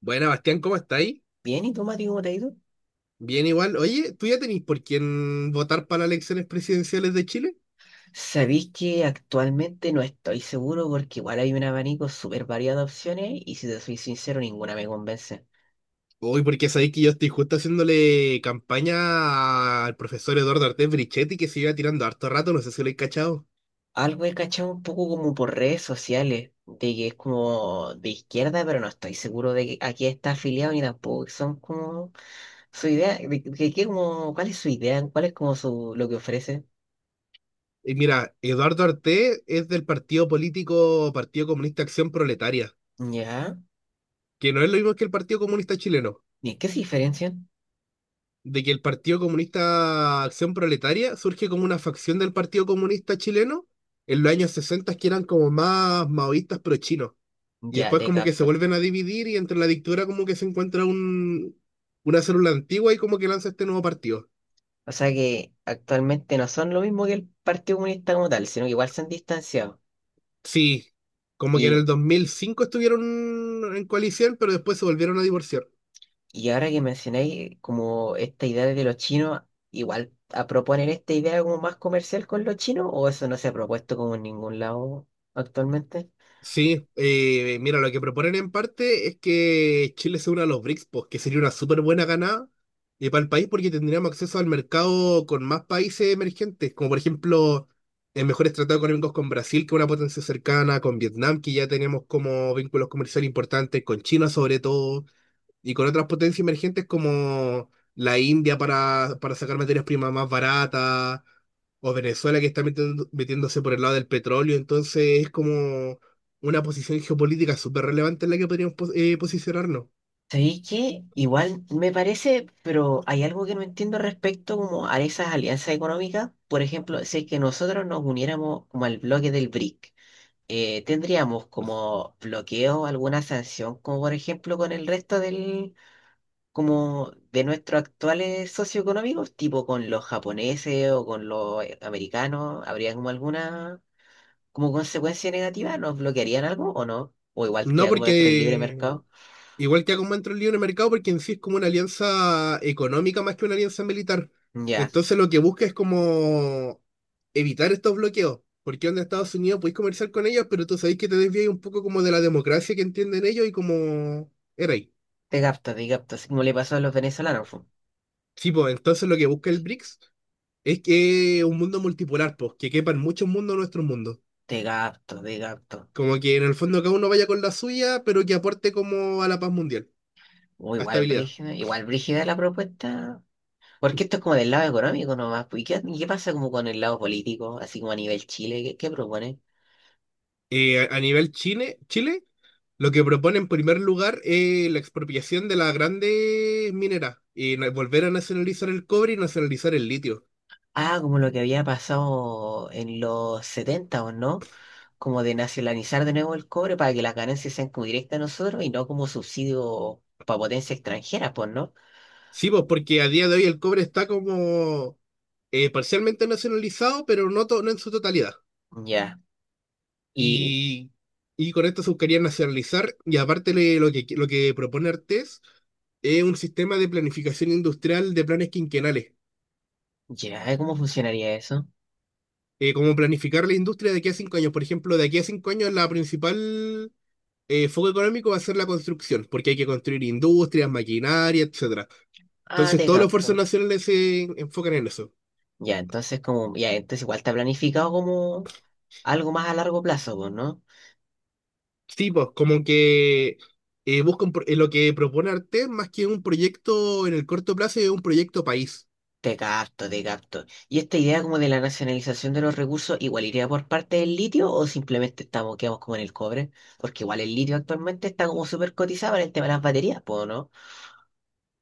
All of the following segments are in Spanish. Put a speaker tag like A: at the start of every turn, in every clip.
A: Buena, Bastián, ¿cómo estáis?
B: Bien, ¿y tú, Mati, cómo te ha ido?
A: Bien igual. Oye, ¿tú ya tenéis por quién votar para las elecciones presidenciales de Chile?
B: Sabéis que actualmente no estoy seguro porque igual hay un abanico súper variado de opciones y si te soy sincero, ninguna me convence.
A: Uy, porque sabéis que yo estoy justo haciéndole campaña al profesor Eduardo Artés Brichetti, que se iba tirando harto rato, no sé si lo he cachado.
B: Algo he cachado un poco como por redes sociales, de que es como de izquierda, pero no estoy seguro de que a qué está afiliado ni tampoco que son como su idea, de qué como, cuál es su idea, cuál es como su, lo que ofrece.
A: Y mira, Eduardo Artés es del partido político Partido Comunista Acción Proletaria,
B: Ya,
A: que no es lo mismo que el Partido Comunista Chileno.
B: ¿y en qué se diferencian?
A: De que el Partido Comunista Acción Proletaria surge como una facción del Partido Comunista Chileno en los años 60 que eran como más maoístas pro chinos. Y
B: Ya,
A: después
B: te
A: como que se
B: capto.
A: vuelven a dividir y entre la dictadura como que se encuentra una célula antigua y como que lanza este nuevo partido.
B: O sea que actualmente no son lo mismo que el Partido Comunista como tal, sino que igual se han distanciado.
A: Sí, como que en el
B: Y,
A: 2005 estuvieron en coalición, pero después se volvieron a divorciar.
B: y ahora que mencionáis como esta idea de los chinos, igual a proponer esta idea como más comercial con los chinos, o eso no se ha propuesto como en ningún lado actualmente.
A: Sí, mira, lo que proponen en parte es que Chile se una a los BRICS, pues, que sería una súper buena ganada para el país porque tendríamos acceso al mercado con más países emergentes, como por ejemplo mejores tratados económicos con Brasil, que es una potencia cercana, con Vietnam, que ya tenemos como vínculos comerciales importantes, con China sobre todo. Y con otras potencias emergentes como la India para sacar materias primas más baratas, o Venezuela que está metiéndose por el lado del petróleo. Entonces es como una posición geopolítica súper relevante en la que podríamos posicionarnos.
B: ¿Sabéis qué? Igual me parece, pero hay algo que no entiendo respecto como a esas alianzas económicas. Por ejemplo, si es que nosotros nos uniéramos como al bloque del BRIC. Tendríamos como bloqueo alguna sanción, como por ejemplo con el resto del, como de nuestros actuales socioeconómicos, tipo con los japoneses o con los americanos, ¿habría como alguna como consecuencia negativa? ¿Nos bloquearían algo o no? O igual
A: No
B: queda como dentro del libre
A: porque
B: mercado.
A: igual que haga un el lío en el mercado, porque en sí es como una alianza económica más que una alianza militar.
B: Ya,
A: Entonces lo que busca es como evitar estos bloqueos. Porque en Estados Unidos podéis comerciar con ellos, pero tú sabéis que te desvías un poco como de la democracia que entienden ellos y como era ahí.
B: te capto, así como le pasó a los venezolanos. Fu.
A: Sí, pues entonces lo que busca el BRICS es que un mundo multipolar, pues, que quepan muchos mundos en nuestro mundo.
B: Te capto, te capto.
A: Como que en el fondo cada uno vaya con la suya, pero que aporte como a la paz mundial,
B: O
A: a estabilidad.
B: igual brígida la propuesta. Porque esto es como del lado económico nomás. Pues, ¿Y qué pasa como con el lado político, así como a nivel Chile? ¿Qué propone?
A: A nivel Chile, Chile. Lo que propone en primer lugar es la expropiación de las grandes mineras y volver a nacionalizar el cobre y nacionalizar el litio.
B: Ah, como lo que había pasado en los 70 o no, como de nacionalizar de nuevo el cobre para que las ganancias sean como directas a nosotros y no como subsidio para potencias extranjeras, pues, ¿no?
A: Sí, pues porque a día de hoy el cobre está como parcialmente nacionalizado, pero no, no en su totalidad.
B: Ya. Y
A: Y, y con esto se buscaría nacionalizar y aparte lo que propone Artés es un sistema de planificación industrial de planes quinquenales.
B: ya, ¿cómo funcionaría eso?
A: Como planificar la industria de aquí a 5 años. Por ejemplo, de aquí a 5 años la principal foco económico va a ser la construcción, porque hay que construir industrias, maquinaria, etcétera.
B: Ah,
A: Entonces,
B: te
A: todos los esfuerzos
B: capto.
A: nacionales se enfocan en eso.
B: Ya, entonces como, ya, entonces igual está planificado como algo más a largo plazo, pues, ¿no?
A: Sí, pues, como que buscan lo que propone Arte, más que un proyecto en el corto plazo, es un proyecto país.
B: Te capto, te capto. ¿Y esta idea como de la nacionalización de los recursos igual iría por parte del litio o simplemente estamos, quedamos como en el cobre? Porque igual el litio actualmente está como súper cotizado en el tema de las baterías, ¿puedo no?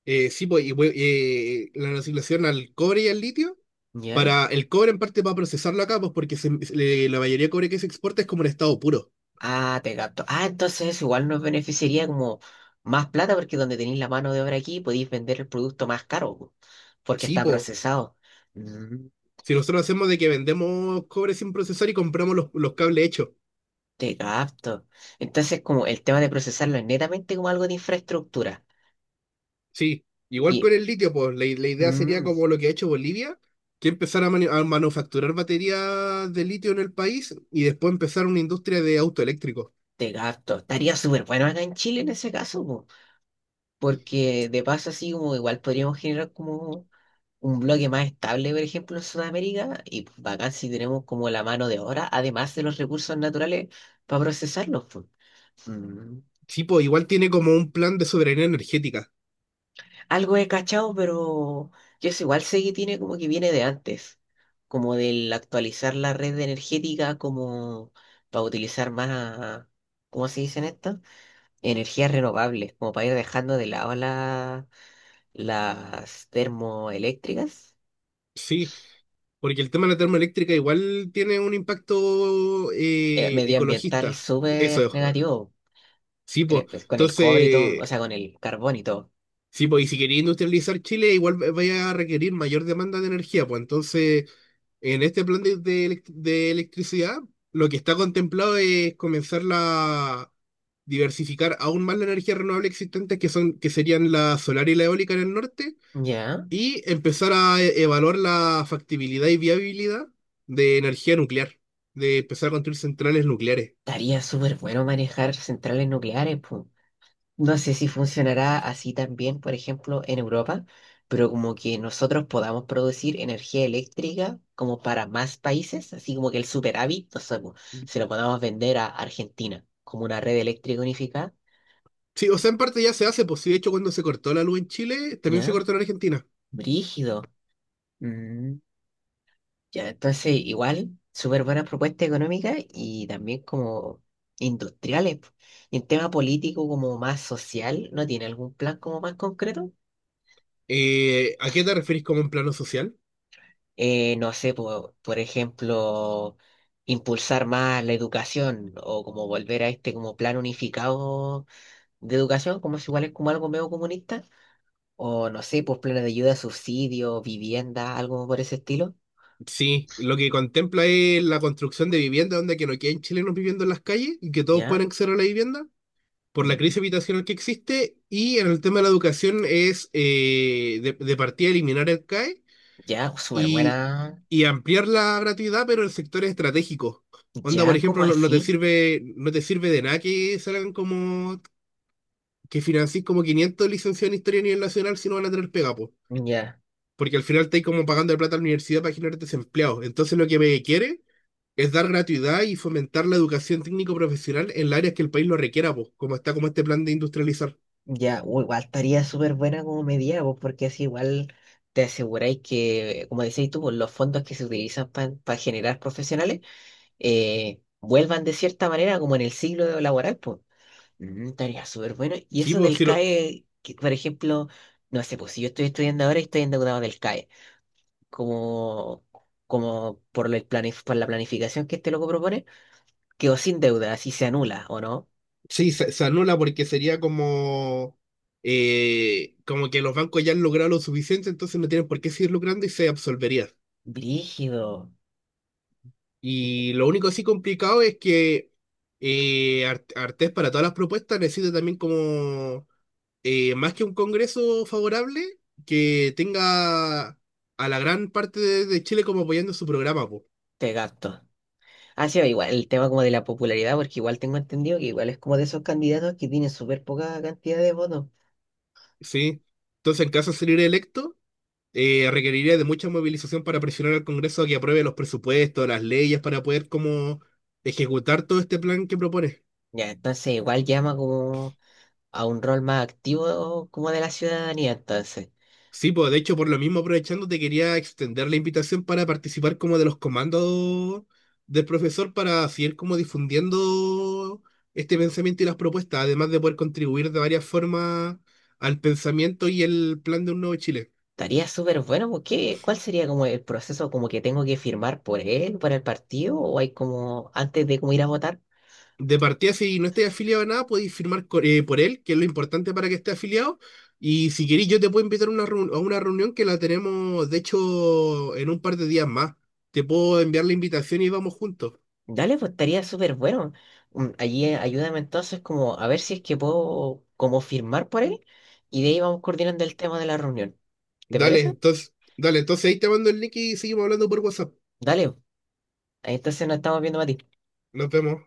A: Sí, pues, y, la asignación al cobre y al litio,
B: ¿Ya?
A: para el cobre en parte para procesarlo acá, pues, porque la mayoría de cobre que se exporta es como en estado puro.
B: Ah, te capto. Ah, entonces eso igual nos beneficiaría como más plata porque donde tenéis la mano de obra aquí podéis vender el producto más caro, po, porque
A: Sí,
B: está
A: pues,
B: procesado. Mm,
A: si nosotros hacemos de que vendemos cobre sin procesar y compramos los cables hechos.
B: Te capto. Entonces como el tema de procesarlo es netamente como algo de infraestructura.
A: Sí, igual con
B: Y...
A: el litio, pues la idea sería
B: Mm,
A: como lo que ha hecho Bolivia, que empezar a, manufacturar baterías de litio en el país y después empezar una industria de autoeléctricos.
B: Te gasto. Estaría súper bueno acá en Chile en ese caso, po, porque de paso así como igual podríamos generar como un bloque más estable, por ejemplo, en Sudamérica, y pues, bacán si tenemos como la mano de obra, además de los recursos naturales para procesarlos. Pues. Mm.
A: Sí, pues igual tiene como un plan de soberanía energética.
B: Algo he cachado, pero yo sé, igual sé que tiene como que viene de antes, como del actualizar la red energética como para utilizar más, ¿cómo se dicen estas? Energías renovables, como para ir dejando de lado la las termoeléctricas,
A: Sí, porque el tema de la termoeléctrica igual tiene un impacto
B: medioambiental
A: ecologista. Eso
B: súper
A: es.
B: negativo,
A: Sí, pues.
B: pues, con el cobre y todo,
A: Entonces,
B: o sea, con el carbón y todo.
A: sí, pues, y si quería industrializar Chile, igual vaya a requerir mayor demanda de energía, pues entonces en este plan de electricidad, lo que está contemplado es comenzar a diversificar aún más la energía renovable existente, que son, que serían la solar y la eólica en el norte,
B: Ya,
A: y empezar a evaluar la factibilidad y viabilidad de energía nuclear, de empezar a construir centrales nucleares.
B: estaría súper bueno manejar centrales nucleares, pu. No sé si funcionará así también, por ejemplo, en Europa, pero como que nosotros podamos producir energía eléctrica como para más países, así como que el superávit, no sé, pu, se lo podamos vender a Argentina como una red eléctrica unificada,
A: Sí, o sea, en parte ya se hace, pues sí, de hecho, cuando se cortó la luz en Chile, también se
B: ¿ya?
A: cortó en Argentina.
B: Brígido. Ya, entonces igual, súper buenas propuestas económicas y también como industriales. Po. Y en tema político, como más social, ¿no tiene algún plan como más concreto?
A: ¿A qué te referís como en plano social?
B: No sé, po, por ejemplo, impulsar más la educación o como volver a este como plan unificado de educación, como si igual es como algo medio comunista. O no sé, pues planes de ayuda, subsidio, vivienda, algo por ese estilo.
A: Sí, lo que contempla es la construcción de viviendas donde que no queden chilenos viviendo en las calles y que todos
B: ¿Ya?
A: puedan acceder a la vivienda por la
B: Mm.
A: crisis habitacional que existe y en el tema de la educación es de partida eliminar el CAE
B: Ya, súper
A: y,
B: buena.
A: y ampliar la gratuidad pero en sectores estratégicos. Onda, por
B: ¿Ya? ¿Como
A: ejemplo, no, no te
B: así?
A: sirve, no te sirve de nada que salgan como que financís como 500 licenciados en historia a nivel nacional si no van a tener pega, po.
B: Ya.
A: Porque al final estáis como pagando plata a la universidad para generar desempleados. Entonces lo que me quiere es dar gratuidad y fomentar la educación técnico-profesional en las áreas que el país lo requiera, pues, como está como este plan de industrializar.
B: Ya, igual estaría súper buena como medida, pues, porque así igual te aseguráis que, como decís tú, pues, los fondos que se utilizan para generar profesionales vuelvan de cierta manera como en el siglo laboral, pues. Estaría súper bueno. Y
A: Sí,
B: eso
A: pues,
B: del
A: sí,
B: CAE, que, por ejemplo, no sé, pues si yo estoy estudiando ahora y estoy endeudado del CAE, como, como por, por la planificación que este loco propone, quedo sin deuda, así se anula, ¿o no?
A: sí, se anula porque sería como, como que los bancos ya han logrado lo suficiente, entonces no tienen por qué seguir lucrando y se absolvería.
B: Brígido,
A: Y lo único así complicado es que Artés para todas las propuestas necesita también como, más que un congreso favorable, que tenga a la gran parte de Chile como apoyando su programa, pues.
B: te gasto. Ha sido igual el tema como de la popularidad, porque igual tengo entendido que igual es como de esos candidatos que tienen súper poca cantidad de votos.
A: Sí. Entonces, en caso de salir electo, requeriría de mucha movilización para presionar al Congreso a que apruebe los presupuestos, las leyes, para poder como ejecutar todo este plan que propone.
B: Ya, entonces igual llama como a un rol más activo como de la ciudadanía, entonces.
A: Sí, pues de hecho, por lo mismo aprovechando, te quería extender la invitación para participar como de los comandos del profesor para seguir como difundiendo este pensamiento y las propuestas, además de poder contribuir de varias formas al pensamiento y el plan de un nuevo Chile.
B: Estaría súper bueno, porque ¿cuál sería como el proceso como que tengo que firmar por él, por el partido, o hay como antes de como ir a votar?
A: De partida, si no estáis afiliado a nada, podéis firmar por él, que es lo importante para que esté afiliado. Y si queréis, yo te puedo invitar a una reunión que la tenemos, de hecho, en un par de días más. Te puedo enviar la invitación y vamos juntos.
B: Dale, pues estaría súper bueno. Allí ayúdame entonces como a ver si es que puedo como firmar por él y de ahí vamos coordinando el tema de la reunión. ¿Te parece?
A: Dale, entonces ahí te mando el link y seguimos hablando por WhatsApp.
B: Dale, en esta escena estamos viendo a Mati.
A: Nos vemos.